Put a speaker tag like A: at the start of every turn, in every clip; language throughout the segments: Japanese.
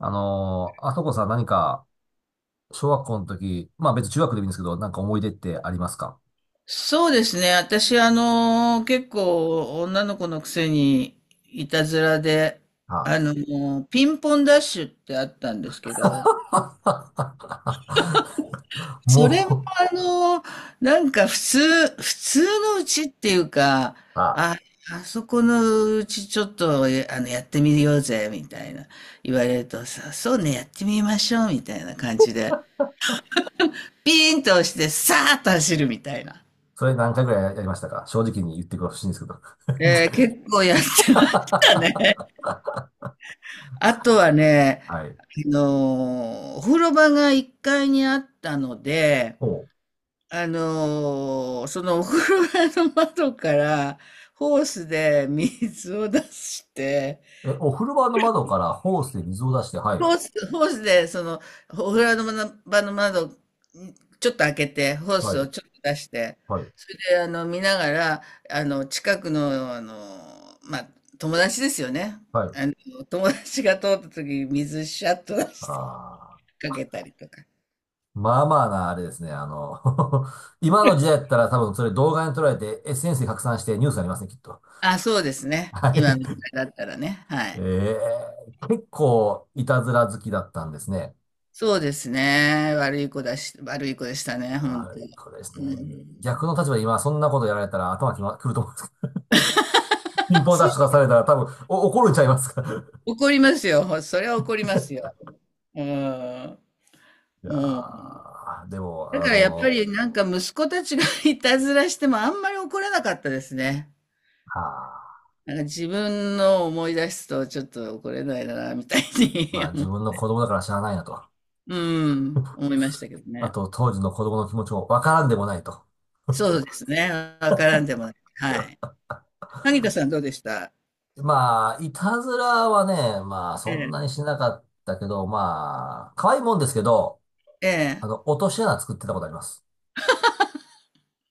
A: あそこさん何か、小学校の時、まあ別に中学でもいいんですけど、なんか思い出ってありますか？
B: そうですね。私、結構女の子のくせにいたずらで、
A: あ、
B: ピンポンダッシュってあったんですけど、
A: はあ。
B: それも
A: もう、
B: あの、なんか普通のうちっていうか、
A: あ、
B: あ、あそこのうちちょっと、えあの、やってみようぜ、みたいな言われるとさ、そうね、やってみましょう、みたいな感じで、ピーンと押して、さーっと走るみたいな。
A: それ何回ぐらいやりましたか、正直に言ってほしいんですけど。
B: 結構やって ましたね。
A: は
B: あとはね、
A: い。
B: お風呂場が1階にあったので、
A: お、
B: そのお風呂場の窓からホースで水を出して、
A: え、お風呂場の窓からホースで水を出して、はい、
B: ホースでそのお風呂場の窓、ちょっと開けて、ホー
A: は
B: スを
A: い、
B: ちょっと出して、
A: はい、
B: それで見ながら、近くの、まあ、友達ですよね。
A: はい。
B: あの友達が通った時に水シャッと出して
A: ああ、
B: かけたりとか。
A: まあまあな、あれですね。今の時代だったら多分それ動画に撮られて SNS で拡散してニュースになりますね、きっと。
B: あ、そうですね。
A: は
B: 今の時
A: い。
B: 代だったらね、は
A: え
B: い。
A: え、結構いたずら好きだったんですね。
B: そうですね。悪い子だし悪い子でしたね、本当。
A: はい、これです
B: う
A: ね。逆の
B: ん。
A: 立場で今そんなことやられたら頭くると思うんですけど、ピン ポンダ
B: そ
A: ッ
B: う、
A: シュとかされたら多分お怒るんちゃいますか。い
B: 怒りますよ。それは怒りますよ。うーん。も
A: や
B: う、
A: ーでも、
B: だからやっぱりなんか息子たちが いたずらしてもあんまり怒らなかったですね。
A: はあ、
B: なんか自分の思い出すとちょっと怒れないなみたいに
A: まあ
B: 思
A: 自
B: う、
A: 分の子供だから知らないなと。
B: うーん、思いましたけど
A: あ
B: ね。
A: と当時の子供の気持ちもわからんでもないと。
B: そうですね、わからんでもない。はい。萩田さんどうでした？
A: まあ、いたずらはね、まあ
B: え
A: そんなに
B: え、
A: しなかったけど、まあ、可愛いもんですけど、
B: え
A: 落とし穴作ってたことあります。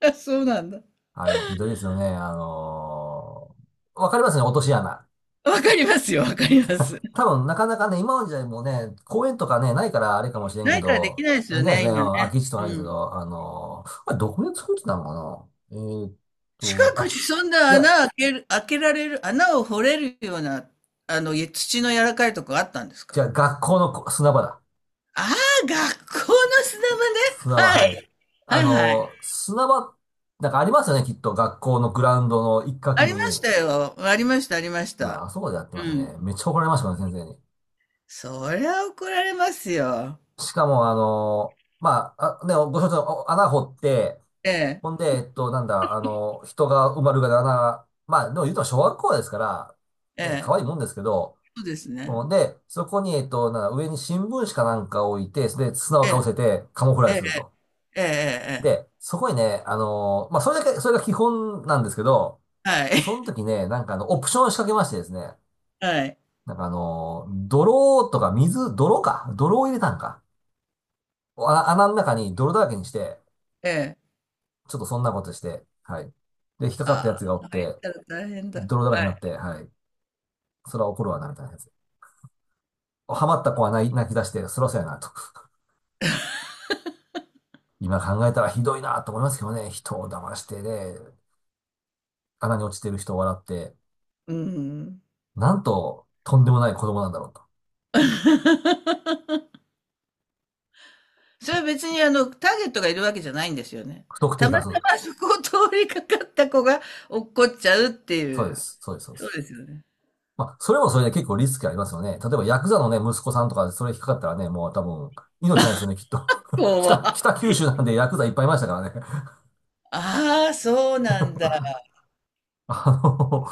B: え。あ、そうなんだ。
A: あれもひどいですよね。わかりますね、落とし穴。
B: わかりますよ、わかります。
A: 多分、なかなかね、今の時代もね、公園とかね、ないからあれかもしれん
B: な
A: け
B: いからでき
A: ど、
B: ないです
A: あれ
B: よ
A: ないです
B: ね、
A: ね、うん、
B: 今ね。
A: 空き地とかないで
B: う
A: すけ
B: ん。
A: ど、あれ、どこで作ってたのかな、
B: 近
A: と、
B: くに
A: あ、
B: そんな
A: いや、
B: 穴開ける、開けられる、穴を掘れるような、い土の柔らかいとこあったんです
A: じ
B: か？
A: ゃあ学校の砂場だ。
B: ああ、学校の砂場ね。
A: 砂場、
B: は
A: はい。
B: い。はいはい。
A: 砂場、なんかありますよね、きっと。学校のグラウンドの一角
B: ありまし
A: に。
B: たよ。ありました、ありまし
A: うん、
B: た。
A: あそこでやって
B: う
A: ました
B: ん。
A: ね。めっちゃ怒られましたね、先生に。
B: そりゃ怒られますよ。
A: しかも、まあ、あ、ね、ご承知のお穴掘って、
B: ええ、
A: ほんで、えっと、なんだ、あの、人が埋まるがな穴、まあ、でも言うと小学校ですか
B: え
A: ら、ね、可
B: え。
A: 愛いもんですけど、
B: そうですね。
A: うんで、そこに、えっと、なんだ、上に新聞紙かなんかを置いて、それで砂を
B: え
A: かぶ
B: え、
A: せてカモフラー
B: え
A: ジュ
B: え、
A: すると。
B: ええ、ええ。ええ。
A: で、そこにね、まあ、それだけ、それが基本なんですけど、
B: はい。
A: その 時ね、オプションを仕掛けましてですね、
B: はい。
A: 泥とか水、泥か、泥を入れたんか。あ、穴の中に泥だらけにして、
B: ええ。
A: ちょっとそんなことして、はい。で、引っかか
B: あ
A: ったやつがおっ
B: あ、入っ
A: て、
B: たら大変だ。
A: 泥だらけ
B: は
A: になっ
B: い。
A: て、はい。それは怒るわな、みたいなやつ。ハマった子は泣き泣き出して、そろそろやな、と。今考えたらひどいな、と思いますけどね。人を騙してね、穴に落ちてる人を笑って、
B: うん。
A: なんと、とんでもない子供なんだろうと。
B: それは別にターゲットがいるわけじゃないんですよね。
A: 不特定
B: た
A: 多
B: また
A: 数。
B: まそこを通りかかった子が落っこっちゃうって
A: そう
B: い
A: で
B: う。
A: す。そうです。そうで
B: そう
A: す。
B: ですよね。
A: まあ、それもそれで結構リスクありますよね。例えば、ヤクザのね、息子さんとかでそれ引っかかったらね、もう多分、命ないですよね、きっと。
B: こうは。
A: 北九州なんでヤクザいっぱいいましたからね。
B: ああ、そうなんだ。
A: あの、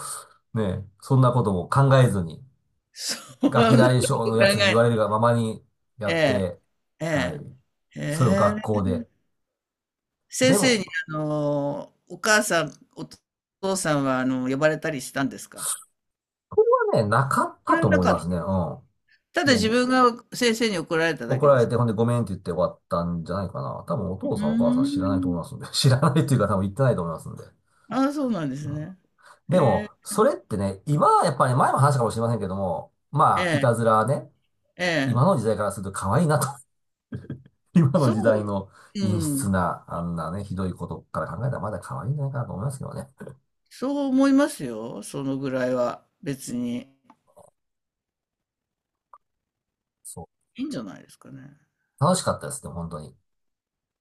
A: ねえ、そんなことも考えずに、
B: そう
A: ガ
B: は、
A: キ
B: なんか考
A: 大将のやつに言われ
B: え。
A: るがままにや
B: え
A: っ
B: え、
A: て、
B: え
A: はい。
B: え、
A: それを
B: え
A: 学校
B: え。
A: で。
B: 先
A: で
B: 生
A: も、
B: にお母さん、お父さんは呼ばれたりしたんですか？
A: ね、なかっ
B: そ
A: た
B: れは
A: と
B: な
A: 思い
B: か、
A: ますね。うん。も
B: ただ自
A: う、
B: 分が先生に怒られただ
A: 怒
B: け
A: ら
B: で
A: れ
B: す。
A: て、ほんでごめんって言って終わったんじゃないかな。多分お
B: う
A: 父さんお母さん知らないと思
B: ー
A: い
B: ん。
A: ますんで。知らないっていうか多分言ってないと思いますんで。
B: ああ、そうなんです
A: うん。
B: ね。え
A: でも、
B: え、
A: それってね、今はやっぱり前も話したかもしれませんけども、
B: え
A: まあ、い
B: え、
A: たずらはね、
B: ええ。
A: 今の時代からすると可愛いなと、今の
B: そ
A: 時代の
B: う、う
A: 陰湿
B: ん。
A: な、あんなね、ひどいことから考えたらまだ可愛いんじゃないかなと思いますけどね。
B: そう思いますよ、そのぐらいは。別に。
A: そ
B: いいんじゃないですかね。
A: う。楽しかったですね、本当に。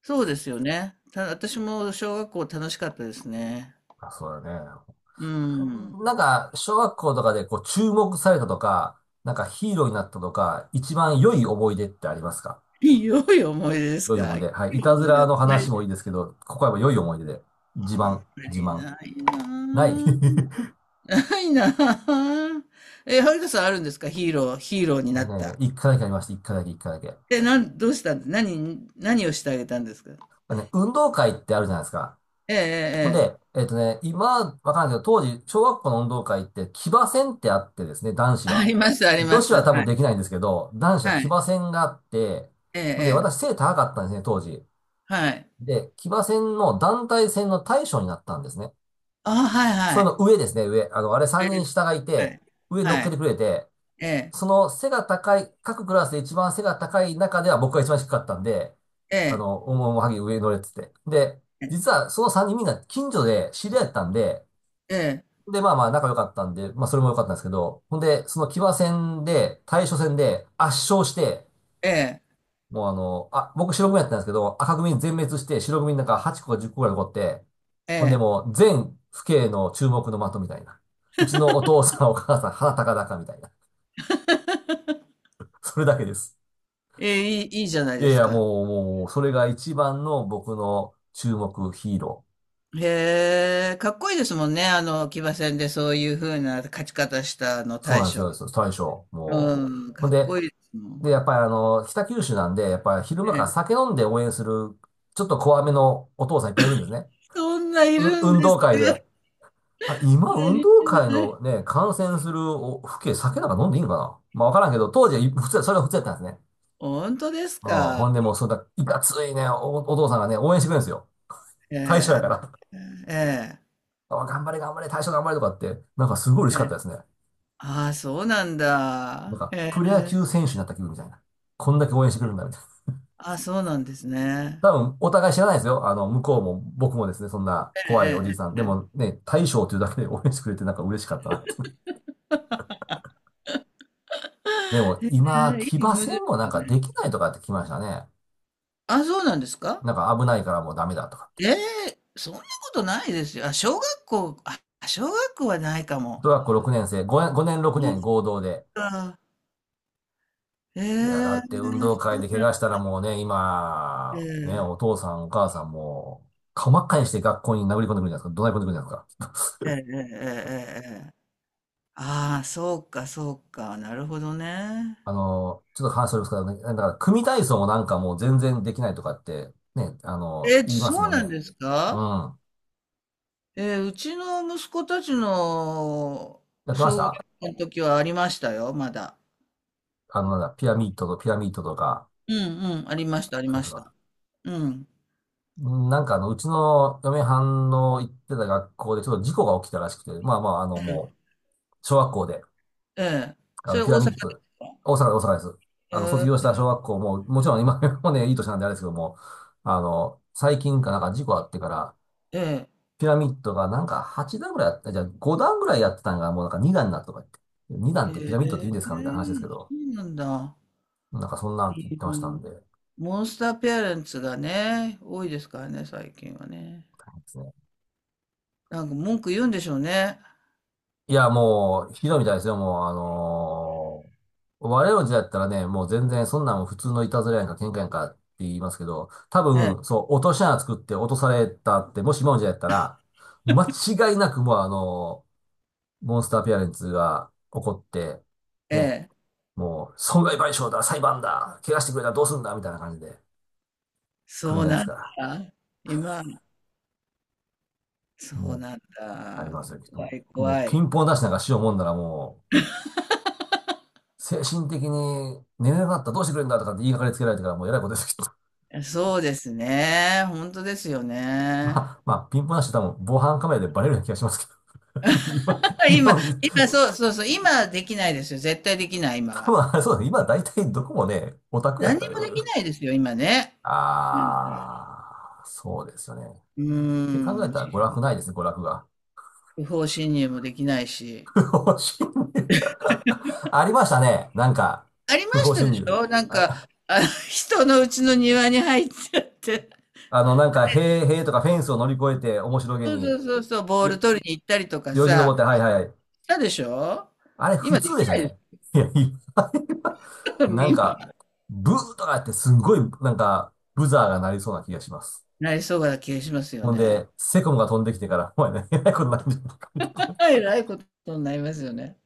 B: そうですよね。た、私も小学校楽しかったですね。
A: あ、そうだね。
B: うん。
A: なんか、小学校とかでこう注目されたとか、なんかヒーローになったとか、一番良い思い出ってありますか？
B: 良い思い出です
A: 良い思
B: か？良
A: い出。はい。い
B: い
A: たず
B: 思い
A: ら
B: 出、
A: の話もいいですけど、ここはやっぱ良い思い出で。自
B: あん
A: 慢、
B: ま
A: 自
B: り
A: 慢。
B: ないな
A: ない。
B: ぁ。ないなぁ。え、はるかさんあるんですか？ヒーロー、ヒーローにな
A: 僕
B: っ
A: ね、
B: た。
A: 一回だけありました。一回だけ、一回だけ。
B: で、なん、どうしたんです、何、何をしてあげたんですか？
A: ね、運動会ってあるじゃないですか。
B: ええええ
A: ほん
B: え
A: で、
B: え。
A: 今、わかんないけど、当時、小学校の運動会って、騎馬戦ってあってですね、男子
B: あ
A: は。
B: りますあり
A: 女
B: ま
A: 子は
B: す。
A: 多
B: は
A: 分
B: い。
A: できないんですけど、男子は
B: は
A: 騎
B: い。
A: 馬戦があって、
B: ええ
A: ほんで、
B: え
A: 私
B: え。
A: 背高かったんですね、当時。
B: はい。
A: で、騎馬戦の団体戦の大将になったんですね。
B: ああ、はい
A: そ
B: は
A: れの
B: い。
A: 上ですね、上。あれ
B: え
A: 3人
B: え。
A: 下がい
B: は
A: て、
B: い。
A: 上に乗っ
B: は
A: け
B: い。
A: てくれて、
B: ええ。
A: その背が高い、各クラスで一番背が高い中では僕が一番低かったんで、
B: え
A: あ
B: え。
A: の、おもおもはぎ上に乗れって言って。で、実はその3人みんな近所で知り合いだったんで、
B: ええ。
A: で、まあまあ仲良かったんで、まあそれも良かったんですけど、ほんで、その騎馬戦で、対処戦で圧勝して、
B: ええ。
A: もう僕白組やったんですけど、赤組全滅して白組なんか8個か10個ぐらい残って、
B: え
A: ほんで
B: え。
A: もう全父兄の注目の的みたいな。うちのお父さんお母さん鼻高々みたいな。それだけです。
B: ええ、いい、いいじゃない
A: いや
B: で
A: い
B: す
A: や、
B: か。
A: もう、もう、それが一番の僕の注目ヒーロー。
B: へえ、かっこいいですもんね、騎馬戦でそういう風な勝ち方したあの
A: そう
B: 大
A: なんです
B: 将。
A: よ、そう大将。もう。
B: うん、
A: ほ
B: か
A: ん
B: っ
A: で、
B: こいいですもん。
A: で、やっぱり北九州なんで、やっぱり昼間
B: え
A: から
B: え。
A: 酒飲んで応援する、ちょっと怖めのお父さんいっぱいいるんですね。
B: そんないるん
A: 運
B: です
A: 動会
B: か？
A: で。あれ、今、
B: 足
A: 運
B: り
A: 動会
B: ない。
A: のね、観戦するお、父兄、酒なんか飲んでいいのかな、まあ、わからんけど、当時はい普通、それが普通やったんですね。
B: 本当です
A: うん。
B: か？
A: ほんでもう、そんな、いかついね、お父さんがね、応援してくれるんですよ。大将や
B: え
A: から。
B: え、ええ、
A: あ、頑張れ、頑張れ、大将頑張れとかって、なんかすごい嬉
B: え
A: しかった
B: え。
A: ですね。
B: ああ、そうなん
A: なん
B: だ。え
A: か、
B: え、
A: プロ野球選手になった気分みたいな。こんだけ応援してくれるんだ、みたいな。
B: ああ、そうなんですね。
A: 多分、お互い知らないですよ。向こうも、僕もですね、そんな怖いお
B: え
A: じいさん。
B: え、
A: でもね、大将というだけで応援してくれてなんか嬉しかったなって。でも、今、
B: ええ、
A: 騎
B: い
A: 馬
B: い思い
A: 戦
B: 出で
A: もな
B: す
A: ん
B: よ
A: かで
B: ね。
A: きないとかって聞きましたね。
B: あ、そうなんですか？
A: なんか危ないからもうダメだとかって。
B: ええ、そんなことないですよ。あ、小学校、あ、小学校はないか
A: 小
B: も。
A: 学校6年生、5、年6
B: なん
A: 年合同で。
B: か、え
A: いや、だ
B: え、
A: って運動会
B: そう、
A: で怪我したらもうね、今、ね、お父さんお母さんも、顔真っ赤にして学校に殴り込んでくるんじゃないですか。怒鳴り込んでくるんじゃないですか。
B: ええ、ええ、ええ、ええ。ああ、そうか、そうか。なるほどね。
A: ちょっと話しておりますけどね、だから組体操もなんかもう全然できないとかって、ね、
B: え、
A: 言います
B: そう
A: もん
B: な
A: ね。
B: んです
A: う
B: か？
A: ん。
B: えー、うちの息子たちの
A: やってまし
B: 小学
A: た、
B: 校の時はありましたよ、まだ。
A: あの、なんだ、ピラミッドとピラミッドとか、
B: うんうん、ありました、あり
A: ありま
B: ま
A: した
B: し
A: か？
B: た。うん。
A: うん、うちの嫁はんの行ってた学校でちょっと事故が起きたらしくて、まあまあ、もう、小学校で、
B: ええ。それ大
A: ピ
B: 阪
A: ラミ
B: で
A: ッド、
B: すか？
A: 大阪、大阪です。卒業し
B: え
A: た小学校も、もちろん今 もね、いい年なんであれですけども、最近かなんか事故あってから、
B: え、え
A: ピラミッドがなんか8段ぐらいあった、じゃあ5段ぐらいやってたんがもうなんか2段になったとか言って、2段
B: え、
A: ってピラミッドって言
B: へ
A: うんですかみたいな話ですけ
B: え、
A: ど、
B: そうなんだ。
A: なんかそんな言って
B: う
A: ました
B: ん、
A: んで、で
B: モンスターペアレンツがね、多いですからね、最近はね。
A: すね。
B: なんか文句言うんでしょうね。
A: いや、もう、ひどいみたいですよ、もう、我々の時代だったらね、もう全然そんなん普通のいたずらやんか喧嘩やんかって言いますけど、多
B: ええ、
A: 分、そう、落とし穴作って落とされたって、もし今の時代だったら、間違いなくもうモンスターペアレンツが起こって、
B: え
A: ね、
B: え、
A: もう、損害賠償だ、裁判だ、怪我してくれたらどうすんだ、みたいな感じで来るん
B: そう
A: じゃないです
B: なん
A: か。
B: だ。今、そう
A: も
B: なん
A: う、あり
B: だ。
A: ますよ、きっと
B: 怖
A: も
B: い、
A: う。もう
B: 怖
A: ピ
B: い。
A: ンポン出しなんかしようもんならもう、精神的に寝れなかったらどうしてくれるんだとかって言いがかりつけられてからもうえらいことです、きっと。
B: え、そうですね。本当ですよ
A: ま
B: ね。
A: あ、まあ、ピンポン出し多分防犯カメラでバレるような気がしますけど。今、今
B: 今、
A: の時代、
B: 今、そうそうそう、今できないですよ。絶対できない、今
A: 多
B: は。
A: 分あれそうですね。今大体どこもね、オタクやっ
B: 何
A: た
B: にもでき
A: よ。
B: ないですよ、今ね。
A: ああ、そうですよね。
B: う
A: って考え
B: ーん。
A: たら娯楽ないですね、娯楽が。
B: 不法侵入もできないし。
A: 不法侵入 ありましたね。なんか、
B: ありま
A: 不
B: し
A: 法
B: た
A: 侵
B: でし
A: 入。
B: ょなんか、
A: あ、
B: 人の家の庭に入っちゃって。
A: なんか、塀とかフェンスを乗り越えて、面白げ
B: そうそ
A: に、
B: うそうそう、ボー
A: よ、
B: ル取りに行ったりとか
A: よじ登っ
B: さ、
A: て、はい
B: し
A: はいはい。
B: たでしょ？
A: あれ、普
B: 今で
A: 通で
B: き
A: した
B: ないで
A: ね。
B: す
A: いや、いや
B: よ、
A: なん
B: 今。
A: か、ブーとかやって、すんごい、なんか、ブザーが鳴りそうな気がします。
B: なりそうな気がしますよ
A: ほん
B: ね。
A: で、セコムが飛んできてから、お前ね、えらいことになるんじゃないか？
B: えらいことになりますよね。